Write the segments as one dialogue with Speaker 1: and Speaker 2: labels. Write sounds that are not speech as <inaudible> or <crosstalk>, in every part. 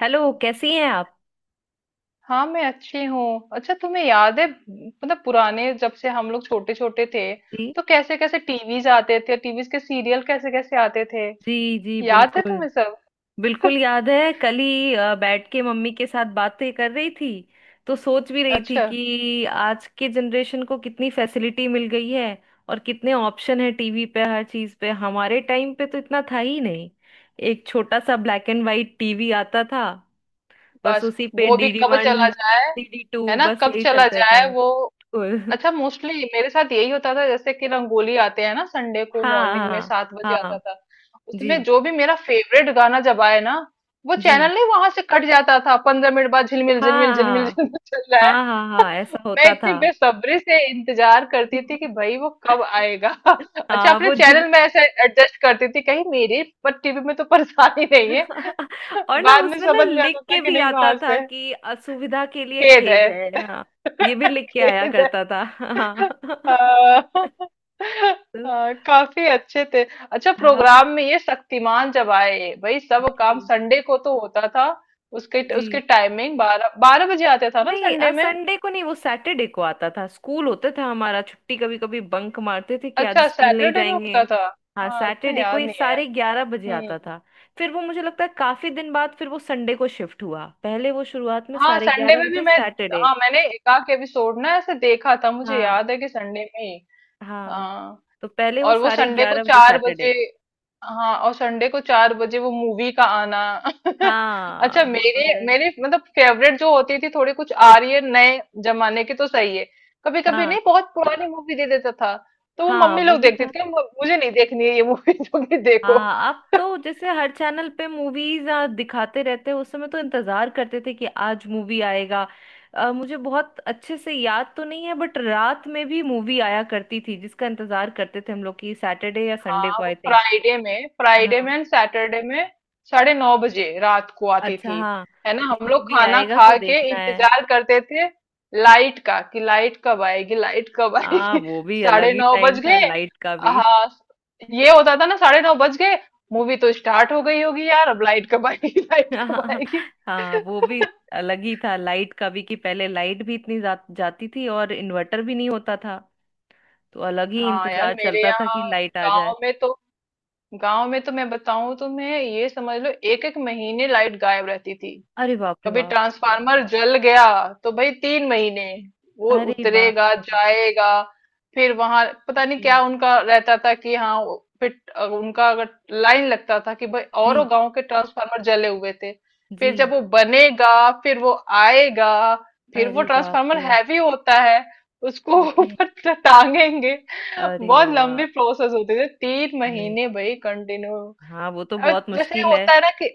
Speaker 1: Hello, कैसी हैं आप।
Speaker 2: हाँ, मैं अच्छी हूँ। अच्छा, तुम्हें याद है मतलब पुराने जब से हम लोग छोटे छोटे थे
Speaker 1: जी।
Speaker 2: तो कैसे कैसे टीवीज आते थे, टीवीज के सीरियल कैसे कैसे आते थे?
Speaker 1: जी जी,
Speaker 2: याद है
Speaker 1: बिल्कुल।
Speaker 2: तुम्हें सब?
Speaker 1: बिल्कुल याद है, कल ही बैठ के मम्मी के साथ बातें कर रही थी। तो सोच भी रही थी
Speaker 2: अच्छा।
Speaker 1: कि आज के जनरेशन को कितनी फैसिलिटी मिल गई है और कितने ऑप्शन है टीवी पे, हर चीज पे। हमारे टाइम पे तो इतना था ही नहीं। एक छोटा सा ब्लैक एंड वाइट टीवी आता था। बस
Speaker 2: बस,
Speaker 1: उसी पे
Speaker 2: वो भी
Speaker 1: डीडी
Speaker 2: कब
Speaker 1: वन
Speaker 2: चला जाए,
Speaker 1: डीडी
Speaker 2: है
Speaker 1: टू
Speaker 2: ना?
Speaker 1: बस
Speaker 2: कब
Speaker 1: यही
Speaker 2: चला
Speaker 1: चलता
Speaker 2: जाए
Speaker 1: था।
Speaker 2: वो।
Speaker 1: बिल्कुल।
Speaker 2: अच्छा, मोस्टली मेरे साथ यही होता था जैसे कि रंगोली आते हैं ना, संडे
Speaker 1: <laughs>
Speaker 2: को
Speaker 1: हाँ
Speaker 2: मॉर्निंग में
Speaker 1: हाँ।
Speaker 2: 7 बजे आता
Speaker 1: हाँ।
Speaker 2: था।
Speaker 1: जी
Speaker 2: उसमें जो भी मेरा फेवरेट गाना जब आए ना, वो
Speaker 1: जी।
Speaker 2: चैनल नहीं वहां से कट जाता था। 15 मिनट बाद झिलमिल झिलमिल
Speaker 1: हाँ
Speaker 2: झिलमिल
Speaker 1: हाँ।
Speaker 2: झिलमिल चल रहा है।
Speaker 1: हाँ हाँ हाँ, ऐसा
Speaker 2: <laughs> मैं
Speaker 1: होता
Speaker 2: इतनी
Speaker 1: था।
Speaker 2: बेसब्री से इंतजार करती थी कि
Speaker 1: <laughs>
Speaker 2: भाई वो कब आएगा। <laughs> अच्छा,
Speaker 1: हाँ
Speaker 2: अपने
Speaker 1: वो जिन।
Speaker 2: चैनल में ऐसे एडजस्ट करती थी कहीं मेरे पर टीवी में तो परेशानी नहीं है।
Speaker 1: <laughs>
Speaker 2: <laughs>
Speaker 1: और ना
Speaker 2: बाद में
Speaker 1: उसमें ना
Speaker 2: समझ में
Speaker 1: लिख
Speaker 2: आता था
Speaker 1: के
Speaker 2: कि
Speaker 1: भी
Speaker 2: नहीं,
Speaker 1: आता
Speaker 2: वहां
Speaker 1: था
Speaker 2: से
Speaker 1: कि असुविधा के लिए
Speaker 2: खेद
Speaker 1: खेद
Speaker 2: है।
Speaker 1: है, हाँ। ये भी
Speaker 2: <laughs>
Speaker 1: लिख के आया
Speaker 2: खेद।
Speaker 1: करता था। <laughs> हाँ।
Speaker 2: <laughs>
Speaker 1: <laughs>
Speaker 2: हाँ।
Speaker 1: तो,
Speaker 2: हाँ, काफी अच्छे थे। अच्छा,
Speaker 1: हाँ।
Speaker 2: प्रोग्राम में ये शक्तिमान जब आए, भाई सब काम
Speaker 1: जी
Speaker 2: संडे को तो होता था। उसके उसकी
Speaker 1: जी।
Speaker 2: टाइमिंग 12-12 बजे आते था ना संडे
Speaker 1: नहीं,
Speaker 2: में।
Speaker 1: संडे को नहीं, वो सैटरडे को आता था। स्कूल होता था हमारा, छुट्टी कभी कभी बंक मारते थे कि आज
Speaker 2: अच्छा,
Speaker 1: स्कूल नहीं
Speaker 2: सैटरडे में
Speaker 1: जाएंगे।
Speaker 2: होता था।
Speaker 1: हाँ,
Speaker 2: हाँ, इतना
Speaker 1: सैटरडे को
Speaker 2: याद
Speaker 1: ये
Speaker 2: नहीं है यार।
Speaker 1: 11:30 बजे
Speaker 2: हम्म।
Speaker 1: आता था। फिर वो मुझे लगता है काफी दिन बाद फिर वो संडे को शिफ्ट हुआ। पहले वो शुरुआत में
Speaker 2: हाँ,
Speaker 1: साढ़े
Speaker 2: संडे
Speaker 1: ग्यारह
Speaker 2: में भी
Speaker 1: बजे
Speaker 2: मैं,
Speaker 1: सैटरडे।
Speaker 2: हाँ मैंने एकाक एपिसोड ना ऐसे देखा था, मुझे
Speaker 1: हाँ।
Speaker 2: याद है कि संडे में ही।
Speaker 1: हाँ,
Speaker 2: हाँ।
Speaker 1: तो पहले वो
Speaker 2: और वो
Speaker 1: साढ़े
Speaker 2: संडे को
Speaker 1: ग्यारह बजे
Speaker 2: चार
Speaker 1: सैटरडे।
Speaker 2: बजे हाँ, और संडे को 4 बजे वो मूवी का आना। <laughs> अच्छा,
Speaker 1: हाँ वो तो
Speaker 2: मेरे
Speaker 1: है।
Speaker 2: मेरे मतलब फेवरेट जो होती थी, थोड़ी कुछ आ रही है नए जमाने की तो सही है। कभी कभी
Speaker 1: हाँ।
Speaker 2: नहीं, बहुत पुरानी मूवी दे देता था तो वो
Speaker 1: हाँ
Speaker 2: मम्मी
Speaker 1: वो
Speaker 2: लोग
Speaker 1: भी
Speaker 2: देखती
Speaker 1: था।
Speaker 2: थी कि मुझे नहीं देखनी है ये मूवी"। <laughs> जो कि देखो।
Speaker 1: हाँ, अब
Speaker 2: <laughs>
Speaker 1: तो जैसे हर चैनल पे मूवीज दिखाते रहते हैं, उस समय तो इंतजार करते थे कि आज मूवी आएगा। मुझे बहुत अच्छे से याद तो नहीं है बट रात में भी मूवी आया करती थी जिसका इंतजार करते थे हम लोग कि सैटरडे या संडे
Speaker 2: हाँ,
Speaker 1: को,
Speaker 2: वो
Speaker 1: आई थिंक।
Speaker 2: फ्राइडे में फ्राइडे
Speaker 1: हाँ।
Speaker 2: में एंड सैटरडे में 9:30 रात को आती
Speaker 1: अच्छा,
Speaker 2: थी।
Speaker 1: हाँ,
Speaker 2: है ना,
Speaker 1: कि
Speaker 2: हम लोग
Speaker 1: मूवी
Speaker 2: खाना
Speaker 1: आएगा तो
Speaker 2: खा के
Speaker 1: देखना है।
Speaker 2: इंतजार करते थे लाइट का, कि लाइट कब आएगी, लाइट कब
Speaker 1: हाँ,
Speaker 2: आएगी।
Speaker 1: वो भी
Speaker 2: <laughs>
Speaker 1: अलग
Speaker 2: साढ़े
Speaker 1: ही
Speaker 2: नौ
Speaker 1: टाइम
Speaker 2: बज
Speaker 1: था
Speaker 2: गए
Speaker 1: लाइट का भी। <laughs>
Speaker 2: हाँ, ये होता था ना, 9:30 बज गए, मूवी तो स्टार्ट हो गई होगी यार, अब लाइट
Speaker 1: जी।
Speaker 2: कब आएगी, <laughs> लाइट कब
Speaker 1: हाँ।
Speaker 2: आएगी।
Speaker 1: हाँ वो भी
Speaker 2: <laughs>
Speaker 1: अलग ही था लाइट का भी, कि पहले लाइट भी इतनी जाती थी और इन्वर्टर भी नहीं होता था। तो अलग ही
Speaker 2: हाँ यार,
Speaker 1: इंतजार
Speaker 2: मेरे
Speaker 1: चलता था कि
Speaker 2: यहाँ
Speaker 1: लाइट आ जाए।
Speaker 2: गांव में तो गांव में तो मैं बताऊं तुम्हें, ये समझ लो एक एक महीने लाइट गायब रहती थी।
Speaker 1: अरे बाप रे
Speaker 2: कभी
Speaker 1: बाप।
Speaker 2: ट्रांसफार्मर जल गया तो भाई 3 महीने वो
Speaker 1: अरे बाप
Speaker 2: उतरेगा
Speaker 1: रे।
Speaker 2: जाएगा। फिर वहां पता नहीं
Speaker 1: ओके।
Speaker 2: क्या उनका रहता था कि हाँ, फिर उनका अगर लाइन लगता था कि भाई
Speaker 1: जी।
Speaker 2: औरों गांव के ट्रांसफार्मर जले हुए थे।
Speaker 1: जी।
Speaker 2: फिर जब वो बनेगा, फिर वो आएगा। फिर वो
Speaker 1: अरे बाप
Speaker 2: ट्रांसफार्मर
Speaker 1: रे।
Speaker 2: हैवी होता है, उसको <laughs>
Speaker 1: ओके।
Speaker 2: ऊपर टांगेंगे।
Speaker 1: अरे
Speaker 2: बहुत
Speaker 1: बाबा।
Speaker 2: लंबी प्रोसेस होती थी, तीन
Speaker 1: नहीं,
Speaker 2: महीने भाई कंटिन्यू।
Speaker 1: हाँ वो तो
Speaker 2: और
Speaker 1: बहुत
Speaker 2: जैसे
Speaker 1: मुश्किल है।
Speaker 2: होता है ना कि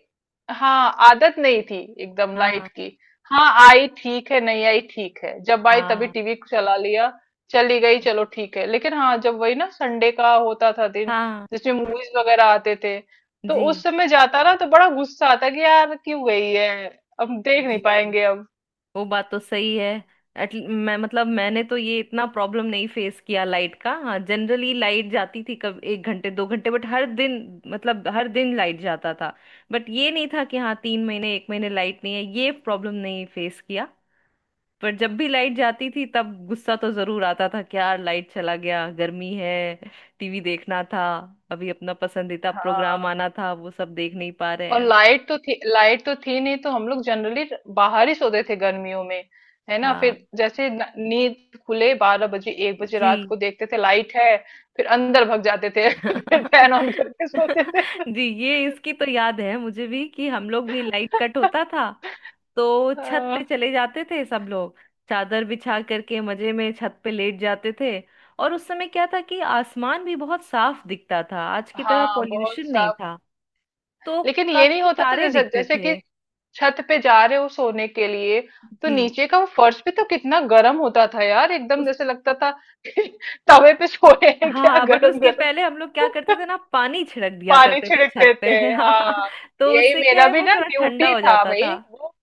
Speaker 2: हाँ, आदत नहीं थी एकदम
Speaker 1: हाँ
Speaker 2: लाइट की। हाँ आई ठीक है, नहीं आई ठीक है, जब आई तभी
Speaker 1: हाँ
Speaker 2: टीवी चला लिया, चली गई चलो ठीक है। लेकिन हाँ, जब वही ना संडे का होता था दिन
Speaker 1: हाँ।
Speaker 2: जिसमें मूवीज वगैरह आते थे, तो
Speaker 1: जी
Speaker 2: उस समय जाता ना तो बड़ा गुस्सा आता कि यार क्यों गई है, अब देख नहीं
Speaker 1: जी।
Speaker 2: पाएंगे अब।
Speaker 1: वो बात तो सही है। एट, मैं मतलब मैंने तो ये इतना प्रॉब्लम नहीं फेस किया लाइट का। हाँ जनरली लाइट जाती थी कब, 1 घंटे 2 घंटे, बट हर दिन, मतलब हर दिन लाइट जाता था। बट ये नहीं था कि हाँ 3 महीने 1 महीने लाइट नहीं है, ये प्रॉब्लम नहीं फेस किया। पर जब भी लाइट जाती थी तब गुस्सा तो जरूर आता था कि यार लाइट चला गया, गर्मी है, टीवी देखना था, अभी अपना पसंदीदा प्रोग्राम
Speaker 2: हाँ।
Speaker 1: आना था, वो सब देख नहीं पा रहे
Speaker 2: और
Speaker 1: हैं।
Speaker 2: लाइट तो थी नहीं, तो हम लोग जनरली बाहर ही सोते थे गर्मियों में। है ना,
Speaker 1: हाँ।
Speaker 2: फिर जैसे नींद खुले 12 बजे, 1 बजे रात
Speaker 1: जी।
Speaker 2: को देखते थे लाइट है, फिर अंदर भग जाते थे। <laughs> फिर फैन ऑन करके सोते
Speaker 1: <laughs>
Speaker 2: थे।
Speaker 1: जी ये इसकी तो याद है मुझे भी कि हम लोग भी, लाइट कट होता था तो छत पे
Speaker 2: अह,
Speaker 1: चले जाते थे सब लोग। चादर बिछा करके मजे में छत पे लेट जाते थे। और उस समय क्या था कि आसमान भी बहुत साफ दिखता था, आज की तरह
Speaker 2: हाँ बहुत
Speaker 1: पॉल्यूशन नहीं
Speaker 2: साफ।
Speaker 1: था। तो
Speaker 2: लेकिन ये नहीं
Speaker 1: काफी
Speaker 2: होता था,
Speaker 1: तारे
Speaker 2: जैसे
Speaker 1: दिखते
Speaker 2: जैसे कि
Speaker 1: थे।
Speaker 2: छत पे जा रहे हो सोने के लिए तो
Speaker 1: जी।
Speaker 2: नीचे का वो फर्श भी तो कितना गर्म होता था यार, एकदम
Speaker 1: उस,
Speaker 2: जैसे लगता था कि <laughs> तवे पे सोए
Speaker 1: हाँ
Speaker 2: हैं क्या,
Speaker 1: हाँ, बट
Speaker 2: गरम
Speaker 1: उसके
Speaker 2: गरम।
Speaker 1: पहले हम लोग क्या करते
Speaker 2: <laughs>
Speaker 1: थे ना पानी छिड़क दिया
Speaker 2: पानी
Speaker 1: करते थे छत
Speaker 2: छिड़कते
Speaker 1: पे।
Speaker 2: थे।
Speaker 1: <laughs> हाँ,
Speaker 2: हाँ,
Speaker 1: तो
Speaker 2: यही
Speaker 1: उससे क्या
Speaker 2: मेरा
Speaker 1: है
Speaker 2: भी
Speaker 1: वो
Speaker 2: ना
Speaker 1: थोड़ा ठंडा
Speaker 2: ड्यूटी
Speaker 1: हो
Speaker 2: था
Speaker 1: जाता
Speaker 2: भाई,
Speaker 1: था।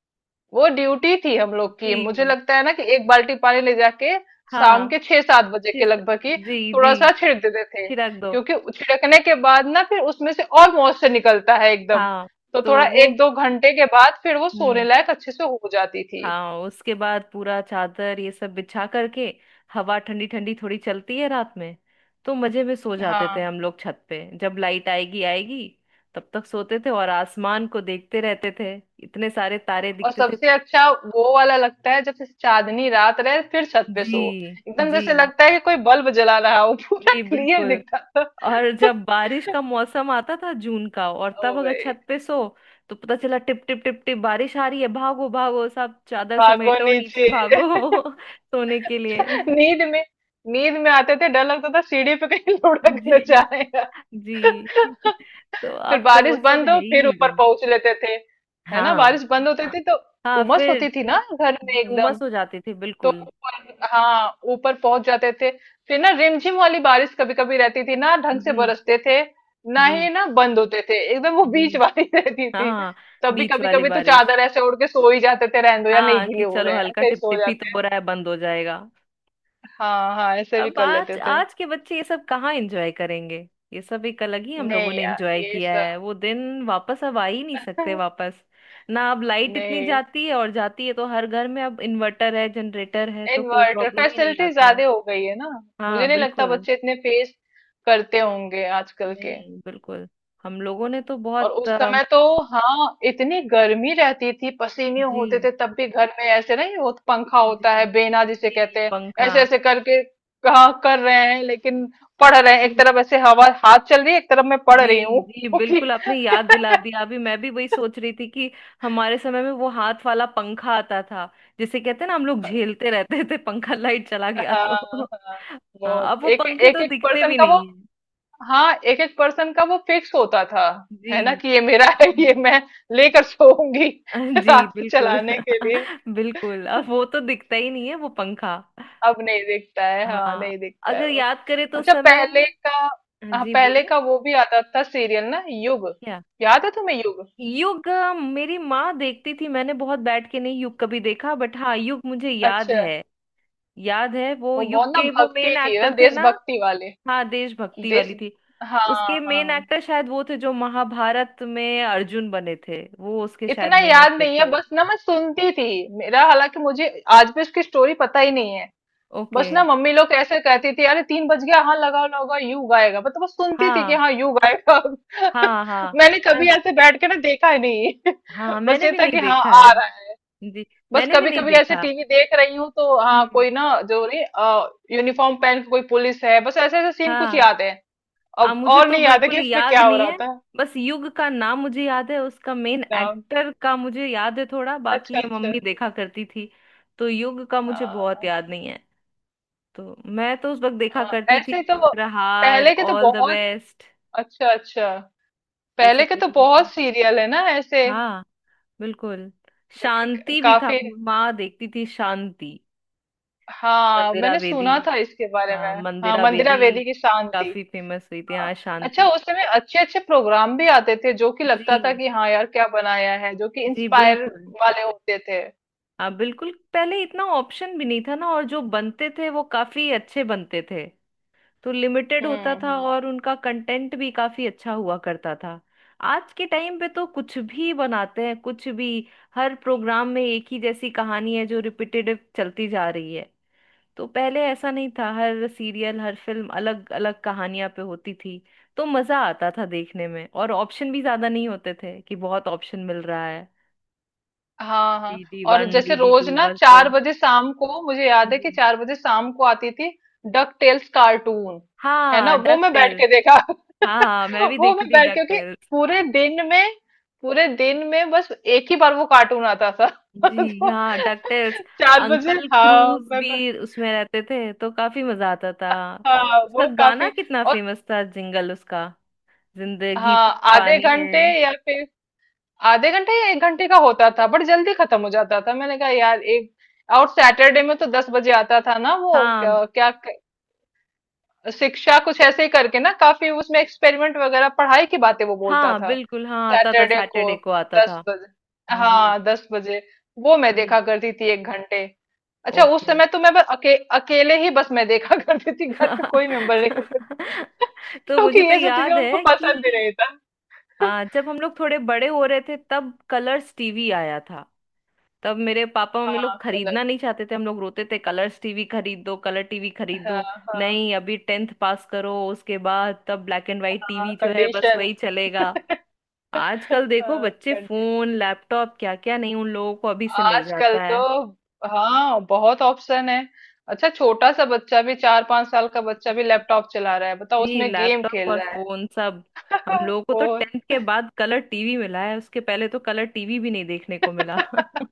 Speaker 2: वो ड्यूटी थी हम लोग की, मुझे
Speaker 1: जी।
Speaker 2: लगता है ना कि एक बाल्टी पानी ले जाके शाम
Speaker 1: हाँ
Speaker 2: के 6-7 बजे
Speaker 1: फिर।
Speaker 2: के लगभग ही
Speaker 1: जी
Speaker 2: थोड़ा
Speaker 1: जी।
Speaker 2: सा छिड़क देते थे।
Speaker 1: छिड़क दो।
Speaker 2: क्योंकि छिड़कने के बाद ना फिर उसमें से और मॉइस्चर निकलता है एकदम।
Speaker 1: हाँ।
Speaker 2: तो
Speaker 1: तो
Speaker 2: थोड़ा
Speaker 1: वो।
Speaker 2: 1-2 घंटे के बाद फिर वो सोने
Speaker 1: हम्म।
Speaker 2: लायक अच्छे से हो जाती थी।
Speaker 1: हाँ उसके बाद पूरा चादर ये सब बिछा करके, हवा ठंडी ठंडी थोड़ी चलती है रात में, तो मजे में सो जाते थे
Speaker 2: हाँ।
Speaker 1: हम लोग छत पे, जब लाइट आएगी आएगी तब तक सोते थे और आसमान को देखते रहते थे। इतने सारे तारे
Speaker 2: और
Speaker 1: दिखते थे।
Speaker 2: सबसे अच्छा वो वाला लगता है जब से चांदनी रात रहे फिर छत पे सो,
Speaker 1: जी
Speaker 2: एकदम
Speaker 1: जी।
Speaker 2: जैसे लगता है कि कोई बल्ब जला रहा हो, पूरा
Speaker 1: जी
Speaker 2: क्लियर
Speaker 1: बिल्कुल।
Speaker 2: दिखता था।
Speaker 1: और
Speaker 2: <laughs>
Speaker 1: जब बारिश का मौसम आता था जून का और तब
Speaker 2: ओ
Speaker 1: अगर
Speaker 2: भाई,
Speaker 1: छत पे सो तो पता चला टिप टिप टिप टिप बारिश आ रही है, भागो भागो, सब चादर
Speaker 2: भागो
Speaker 1: समेटो, नीचे
Speaker 2: नीचे,
Speaker 1: भागो, <laughs> सोने के लिए।
Speaker 2: नींद में नींद में आते थे, डर लगता था सीढ़ी पे कहीं <laughs> लुढ़क न
Speaker 1: जी
Speaker 2: जाएगा।
Speaker 1: जी। तो
Speaker 2: फिर
Speaker 1: अब तो वो
Speaker 2: बारिश
Speaker 1: सब
Speaker 2: बंद
Speaker 1: है
Speaker 2: हो
Speaker 1: ही
Speaker 2: फिर
Speaker 1: नहीं
Speaker 2: ऊपर
Speaker 1: दिन।
Speaker 2: पहुंच लेते थे, है ना?
Speaker 1: हाँ।
Speaker 2: बारिश बंद होती थी तो
Speaker 1: हाँ
Speaker 2: उमस
Speaker 1: फिर।
Speaker 2: होती थी ना घर में
Speaker 1: जी
Speaker 2: एकदम,
Speaker 1: उमस हो जाती थी
Speaker 2: तो
Speaker 1: बिल्कुल।
Speaker 2: ऊपर, हाँ ऊपर पहुंच जाते थे। फिर ना रिमझिम वाली बारिश कभी कभी रहती थी, ना ढंग से
Speaker 1: जी
Speaker 2: बरसते थे ना ही
Speaker 1: जी
Speaker 2: ना बंद होते थे एकदम, वो
Speaker 1: जी।
Speaker 2: बीच वाली <laughs> रहती थी।
Speaker 1: हाँ।
Speaker 2: तब भी
Speaker 1: बीच
Speaker 2: कभी
Speaker 1: वाली
Speaker 2: कभी तो
Speaker 1: बारिश।
Speaker 2: चादर ऐसे ओढ़ के सो ही जाते थे, रहने दो यार, नहीं
Speaker 1: हाँ, कि
Speaker 2: गीले हो
Speaker 1: चलो
Speaker 2: रहे हैं
Speaker 1: हल्का
Speaker 2: ऐसे ही
Speaker 1: टिप
Speaker 2: सो
Speaker 1: टिप ही तो
Speaker 2: जाते
Speaker 1: हो
Speaker 2: हैं।
Speaker 1: रहा है बंद हो जाएगा।
Speaker 2: हाँ हाँ, ऐसे भी
Speaker 1: अब
Speaker 2: कर
Speaker 1: आज,
Speaker 2: लेते थे।
Speaker 1: आज के बच्चे ये सब कहाँ एंजॉय करेंगे। ये सब एक अलग ही हम लोगों
Speaker 2: नहीं
Speaker 1: ने
Speaker 2: यार,
Speaker 1: एंजॉय
Speaker 2: ये
Speaker 1: किया है,
Speaker 2: सब।
Speaker 1: वो दिन वापस अब आ ही नहीं सकते
Speaker 2: <laughs>
Speaker 1: वापस। ना अब लाइट इतनी
Speaker 2: नहीं।
Speaker 1: जाती है, और जाती है तो हर घर में अब इन्वर्टर है जनरेटर है, तो कोई
Speaker 2: इन्वर्टर
Speaker 1: प्रॉब्लम ही नहीं
Speaker 2: फैसिलिटी
Speaker 1: आता।
Speaker 2: ज्यादा हो गई है ना,
Speaker 1: हाँ
Speaker 2: मुझे नहीं लगता
Speaker 1: बिल्कुल।
Speaker 2: बच्चे इतने फेस करते होंगे आजकल के।
Speaker 1: नहीं बिल्कुल। हम लोगों ने तो
Speaker 2: और
Speaker 1: बहुत
Speaker 2: उस समय तो हाँ, इतनी गर्मी रहती थी, पसीने होते
Speaker 1: जी
Speaker 2: थे, तब भी घर में ऐसे नहीं हो, पंखा होता
Speaker 1: जी।
Speaker 2: है बेना जिसे
Speaker 1: जी
Speaker 2: कहते हैं,
Speaker 1: पंखा।
Speaker 2: ऐसे ऐसे करके कहा कर रहे हैं लेकिन पढ़ रहे हैं, एक
Speaker 1: जी
Speaker 2: तरफ ऐसे हवा हाथ चल रही है, एक तरफ मैं पढ़
Speaker 1: जी।
Speaker 2: रही हूँ। <laughs>
Speaker 1: जी
Speaker 2: क्योंकि
Speaker 1: बिल्कुल, आपने याद दिला दिया, अभी मैं भी वही सोच रही थी कि हमारे समय में वो हाथ वाला पंखा आता था। जिसे कहते हैं ना हम लोग झेलते रहते थे, पंखा, लाइट चला गया
Speaker 2: हाँ
Speaker 1: तो।
Speaker 2: हाँ,
Speaker 1: <laughs> हाँ
Speaker 2: बहुत
Speaker 1: अब वो
Speaker 2: एक
Speaker 1: पंखे
Speaker 2: एक
Speaker 1: तो
Speaker 2: एक
Speaker 1: दिखते
Speaker 2: पर्सन
Speaker 1: भी
Speaker 2: का वो,
Speaker 1: नहीं है।
Speaker 2: हाँ एक एक पर्सन का वो फिक्स होता था,
Speaker 1: जी
Speaker 2: है ना कि ये मेरा है, <laughs>
Speaker 1: जी।
Speaker 2: ये मैं लेकर सोऊंगी
Speaker 1: अ,
Speaker 2: <laughs>
Speaker 1: जी
Speaker 2: रात को
Speaker 1: बिल्कुल।
Speaker 2: चलाने के लिए।
Speaker 1: <laughs> बिल्कुल अब वो तो दिखता ही नहीं है वो पंखा।
Speaker 2: अब नहीं दिखता है, हाँ
Speaker 1: हाँ,
Speaker 2: नहीं दिखता है
Speaker 1: अगर
Speaker 2: वो।
Speaker 1: याद करें तो उस
Speaker 2: अच्छा,
Speaker 1: समय।
Speaker 2: पहले का, हाँ
Speaker 1: जी
Speaker 2: पहले
Speaker 1: बोलिए।
Speaker 2: का वो भी आता था सीरियल ना, युग।
Speaker 1: क्या।
Speaker 2: याद है तुम्हें युग?
Speaker 1: युग, मेरी माँ देखती थी, मैंने बहुत बैठ के नहीं युग कभी देखा, बट हाँ युग मुझे याद
Speaker 2: अच्छा,
Speaker 1: है। याद है, वो
Speaker 2: वो
Speaker 1: युग
Speaker 2: बहुत ना
Speaker 1: के वो
Speaker 2: भक्ति
Speaker 1: मेन
Speaker 2: थी ना,
Speaker 1: एक्टर थे ना।
Speaker 2: देशभक्ति वाले,
Speaker 1: हाँ देशभक्ति
Speaker 2: देश।
Speaker 1: वाली थी।
Speaker 2: हाँ
Speaker 1: उसके मेन
Speaker 2: हाँ,
Speaker 1: एक्टर शायद वो थे जो महाभारत में अर्जुन बने थे, वो उसके शायद
Speaker 2: इतना
Speaker 1: मेन
Speaker 2: याद
Speaker 1: एक्टर
Speaker 2: नहीं है,
Speaker 1: थे।
Speaker 2: बस ना मैं सुनती थी, मेरा हालांकि मुझे आज भी उसकी स्टोरी पता ही नहीं है।
Speaker 1: ओके।
Speaker 2: बस ना मम्मी लोग ऐसे कहती थी, अरे तीन बज गया, हाँ लगाओ लगाओ, यू गाएगा, मतलब वो सुनती थी कि
Speaker 1: हाँ
Speaker 2: हाँ, यू गाएगा। <laughs>
Speaker 1: हाँ। हाँ
Speaker 2: मैंने
Speaker 1: मैं।
Speaker 2: कभी ऐसे बैठ के ना देखा ही नहीं। <laughs>
Speaker 1: हाँ
Speaker 2: बस
Speaker 1: मैंने
Speaker 2: ये
Speaker 1: भी
Speaker 2: था
Speaker 1: नहीं
Speaker 2: कि हाँ
Speaker 1: देखा
Speaker 2: आ
Speaker 1: है।
Speaker 2: रहा है।
Speaker 1: जी,
Speaker 2: बस
Speaker 1: मैंने भी
Speaker 2: कभी
Speaker 1: नहीं
Speaker 2: कभी ऐसे
Speaker 1: देखा।
Speaker 2: टीवी देख रही हूँ तो हाँ,
Speaker 1: हम्म।
Speaker 2: कोई ना जो नहीं यूनिफॉर्म पहन के कोई पुलिस है, बस ऐसे ऐसे सीन कुछ
Speaker 1: हाँ।
Speaker 2: याद है।
Speaker 1: हाँ
Speaker 2: अब
Speaker 1: मुझे
Speaker 2: और
Speaker 1: तो
Speaker 2: नहीं याद है
Speaker 1: बिल्कुल
Speaker 2: कि उसमें
Speaker 1: याद
Speaker 2: क्या हो
Speaker 1: नहीं
Speaker 2: रहा
Speaker 1: है।
Speaker 2: था।
Speaker 1: बस युग का नाम मुझे याद है, उसका मेन
Speaker 2: नाम,
Speaker 1: एक्टर का मुझे याद है थोड़ा, बाकी
Speaker 2: अच्छा
Speaker 1: ये
Speaker 2: अच्छा।
Speaker 1: मम्मी देखा करती थी। तो युग का मुझे बहुत
Speaker 2: हाँ।
Speaker 1: याद नहीं है। तो मैं तो उस वक्त देखा
Speaker 2: हाँ,
Speaker 1: करती थी
Speaker 2: ऐसे तो
Speaker 1: प्रहार,
Speaker 2: पहले के तो
Speaker 1: ऑल द
Speaker 2: बहुत।
Speaker 1: बेस्ट,
Speaker 2: अच्छा अच्छा,
Speaker 1: ये सब
Speaker 2: पहले के तो
Speaker 1: देखा करती थी।
Speaker 2: बहुत सीरियल है ना ऐसे
Speaker 1: हाँ बिल्कुल।
Speaker 2: जो कि
Speaker 1: शांति भी था,
Speaker 2: काफी।
Speaker 1: माँ देखती थी शांति।
Speaker 2: हाँ,
Speaker 1: मंदिरा
Speaker 2: मैंने
Speaker 1: बेदी,
Speaker 2: सुना था इसके बारे में, हाँ
Speaker 1: मंदिरा
Speaker 2: मंदिरा
Speaker 1: बेदी।
Speaker 2: वेदी की शांति।
Speaker 1: काफी फेमस हुई थी
Speaker 2: हाँ।
Speaker 1: हाँ
Speaker 2: अच्छा,
Speaker 1: शांति।
Speaker 2: उस समय अच्छे अच्छे प्रोग्राम भी आते थे जो कि लगता था
Speaker 1: जी।
Speaker 2: कि हाँ यार, क्या बनाया है, जो कि
Speaker 1: जी
Speaker 2: इंस्पायर
Speaker 1: बिल्कुल।
Speaker 2: वाले होते थे।
Speaker 1: हाँ बिल्कुल, पहले इतना ऑप्शन भी नहीं था ना, और जो बनते थे वो काफी अच्छे बनते थे। तो लिमिटेड होता था
Speaker 2: हम्म।
Speaker 1: और उनका कंटेंट भी काफी अच्छा हुआ करता था। आज के टाइम पे तो कुछ भी बनाते हैं, कुछ भी। हर प्रोग्राम में एक ही जैसी कहानी है जो रिपीटेटिव चलती जा रही है। तो पहले ऐसा नहीं था, हर सीरियल हर फिल्म अलग अलग कहानियां पे होती थी। तो मजा आता था देखने में, और ऑप्शन भी ज्यादा नहीं होते थे कि बहुत ऑप्शन मिल रहा है।
Speaker 2: हाँ हाँ।
Speaker 1: डीडी
Speaker 2: और
Speaker 1: वन
Speaker 2: जैसे
Speaker 1: डीडी
Speaker 2: रोज
Speaker 1: टू
Speaker 2: ना
Speaker 1: बस, तो।
Speaker 2: चार बजे शाम को, मुझे याद है कि
Speaker 1: जी।
Speaker 2: चार बजे शाम को आती थी डक टेल्स कार्टून। है ना,
Speaker 1: हाँ,
Speaker 2: वो
Speaker 1: डक
Speaker 2: मैं बैठ
Speaker 1: टेल।
Speaker 2: के देखा,
Speaker 1: हाँ
Speaker 2: <laughs>
Speaker 1: मैं भी
Speaker 2: वो
Speaker 1: देखती
Speaker 2: मैं
Speaker 1: थी
Speaker 2: बैठ
Speaker 1: डक।
Speaker 2: क्योंकि पूरे दिन में पूरे दिन में बस एक ही बार वो कार्टून आता था। <laughs>
Speaker 1: जी
Speaker 2: तो
Speaker 1: हाँ, डकटेल्स।
Speaker 2: चार बजे,
Speaker 1: अंकल
Speaker 2: हाँ
Speaker 1: क्रूज
Speaker 2: मैं।
Speaker 1: भी उसमें रहते थे तो काफी मजा आता था।
Speaker 2: हाँ
Speaker 1: उसका
Speaker 2: वो
Speaker 1: गाना
Speaker 2: काफी।
Speaker 1: कितना
Speaker 2: और
Speaker 1: फेमस था, जिंगल उसका, जिंदगी
Speaker 2: हाँ,
Speaker 1: तो
Speaker 2: आधे
Speaker 1: पानी है।
Speaker 2: घंटे या फिर आधे घंटे या 1 घंटे का होता था, बट जल्दी खत्म हो जाता था, मैंने कहा यार एक। और सैटरडे में तो 10 बजे आता था ना, वो
Speaker 1: हाँ।
Speaker 2: क्या, क्या, शिक्षा कुछ ऐसे ही करके ना, काफी उसमें एक्सपेरिमेंट वगैरह पढ़ाई की बातें वो बोलता
Speaker 1: हाँ
Speaker 2: था।
Speaker 1: बिल्कुल, हाँ आता था
Speaker 2: सैटरडे को
Speaker 1: सैटरडे को आता
Speaker 2: दस
Speaker 1: था।
Speaker 2: बजे
Speaker 1: जी।
Speaker 2: हाँ 10 बजे वो मैं
Speaker 1: जी।
Speaker 2: देखा करती थी 1 घंटे। अच्छा, उस
Speaker 1: ओके।
Speaker 2: समय तो मैं बस अकेले ही बस मैं देखा <laughs> करती थी, घर के कोई मेंबर नहीं होते थे।
Speaker 1: <laughs>
Speaker 2: <laughs>
Speaker 1: तो
Speaker 2: क्योंकि
Speaker 1: मुझे तो
Speaker 2: ये सब चीजें
Speaker 1: याद
Speaker 2: उनको
Speaker 1: है
Speaker 2: पसंद भी
Speaker 1: कि
Speaker 2: नहीं था। <laughs>
Speaker 1: जब हम लोग थोड़े बड़े हो रहे थे तब कलर्स टीवी आया था। तब मेरे पापा मम्मी
Speaker 2: हाँ
Speaker 1: लोग
Speaker 2: कलर।
Speaker 1: खरीदना नहीं चाहते थे, हम लोग रोते थे कलर्स टीवी खरीद दो, कलर टीवी खरीद
Speaker 2: हाँ
Speaker 1: दो।
Speaker 2: हाँ।
Speaker 1: नहीं, अभी 10th पास करो उसके बाद, तब ब्लैक एंड वाइट
Speaker 2: हाँ
Speaker 1: टीवी जो है बस
Speaker 2: कंडीशन।
Speaker 1: वही चलेगा। आजकल देखो
Speaker 2: हाँ
Speaker 1: बच्चे
Speaker 2: कंडी
Speaker 1: फोन, लैपटॉप, क्या क्या नहीं उन लोगों को अभी से मिल
Speaker 2: आजकल
Speaker 1: जाता
Speaker 2: तो
Speaker 1: है।
Speaker 2: हाँ, बहुत ऑप्शन है। अच्छा, छोटा सा बच्चा भी, 4-5 साल का बच्चा भी
Speaker 1: जी।
Speaker 2: लैपटॉप चला रहा है बताओ,
Speaker 1: जी,
Speaker 2: उसमें गेम
Speaker 1: लैपटॉप
Speaker 2: खेल
Speaker 1: और
Speaker 2: रहा
Speaker 1: फोन सब। हम
Speaker 2: है।
Speaker 1: लोगों
Speaker 2: <laughs>
Speaker 1: को तो
Speaker 2: फोन।
Speaker 1: 10th के बाद कलर टीवी मिला है, उसके पहले तो कलर टीवी भी नहीं देखने को मिला। <laughs>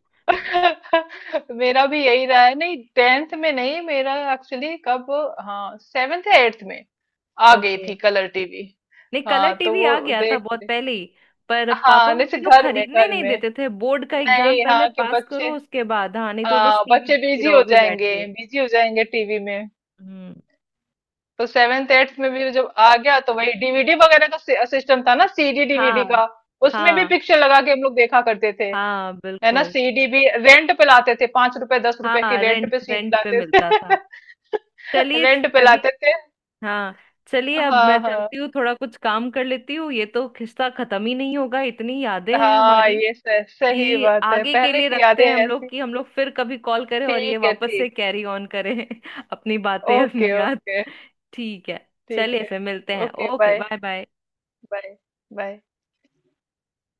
Speaker 2: मेरा भी यही रहा है, नहीं टेंथ में नहीं, मेरा एक्चुअली कब, हाँ सेवेंथ या एट्थ में आ गई
Speaker 1: ओके।
Speaker 2: थी कलर टीवी।
Speaker 1: नहीं, कलर
Speaker 2: हाँ तो
Speaker 1: टीवी
Speaker 2: वो
Speaker 1: आ गया था
Speaker 2: देख
Speaker 1: बहुत
Speaker 2: ले।
Speaker 1: पहले ही, पर पापा
Speaker 2: हाँ, जैसे
Speaker 1: मम्मी लोग
Speaker 2: घर में
Speaker 1: खरीदने
Speaker 2: घर
Speaker 1: नहीं
Speaker 2: में
Speaker 1: देते थे, बोर्ड का एग्जाम
Speaker 2: नहीं,
Speaker 1: पहले
Speaker 2: हाँ कि
Speaker 1: पास
Speaker 2: बच्चे,
Speaker 1: करो उसके बाद, हाँ नहीं तो बस टीवी
Speaker 2: बच्चे
Speaker 1: देखते
Speaker 2: बिजी हो
Speaker 1: रहोगे बैठ
Speaker 2: जाएंगे,
Speaker 1: के।
Speaker 2: बिजी हो जाएंगे टीवी में।
Speaker 1: हम्म।
Speaker 2: तो सेवेंथ एट्थ में भी जब आ गया तो वही डीवीडी वगैरह का सिस्टम था ना, सीडी डीवीडी
Speaker 1: हाँ
Speaker 2: का। उसमें भी
Speaker 1: हाँ।
Speaker 2: पिक्चर लगा के हम लोग देखा करते थे,
Speaker 1: हाँ
Speaker 2: है ना।
Speaker 1: बिल्कुल।
Speaker 2: सीडी भी रेंट पे लाते थे, ₹5, ₹10 की
Speaker 1: हाँ,
Speaker 2: रेंट
Speaker 1: रेंट,
Speaker 2: पे सीडी
Speaker 1: रेंट पे
Speaker 2: लाते थे।
Speaker 1: मिलता था।
Speaker 2: <laughs>
Speaker 1: चलिए,
Speaker 2: रेंट पे
Speaker 1: मैं भी।
Speaker 2: लाते थे।
Speaker 1: हाँ। चलिए, अब मैं
Speaker 2: हाँ
Speaker 1: चलती
Speaker 2: हाँ।
Speaker 1: हूँ, थोड़ा कुछ काम कर लेती हूँ, ये तो किस्सा खत्म ही नहीं होगा, इतनी यादें हैं
Speaker 2: हाँ,
Speaker 1: हमारी।
Speaker 2: सही
Speaker 1: कि
Speaker 2: बात है,
Speaker 1: आगे के
Speaker 2: पहले
Speaker 1: लिए
Speaker 2: की यादें
Speaker 1: रखते हैं हम लोग,
Speaker 2: ऐसी।
Speaker 1: कि हम लोग फिर कभी कॉल करें और ये
Speaker 2: ठीक है,
Speaker 1: वापस से
Speaker 2: ठीक।
Speaker 1: कैरी ऑन करें <laughs> अपनी बातें,
Speaker 2: ओके
Speaker 1: अपनी याद।
Speaker 2: ओके।
Speaker 1: ठीक है,
Speaker 2: ठीक
Speaker 1: चलिए
Speaker 2: है।
Speaker 1: फिर मिलते हैं,
Speaker 2: okay
Speaker 1: okay
Speaker 2: bye
Speaker 1: bye bye.
Speaker 2: Bye. Bye.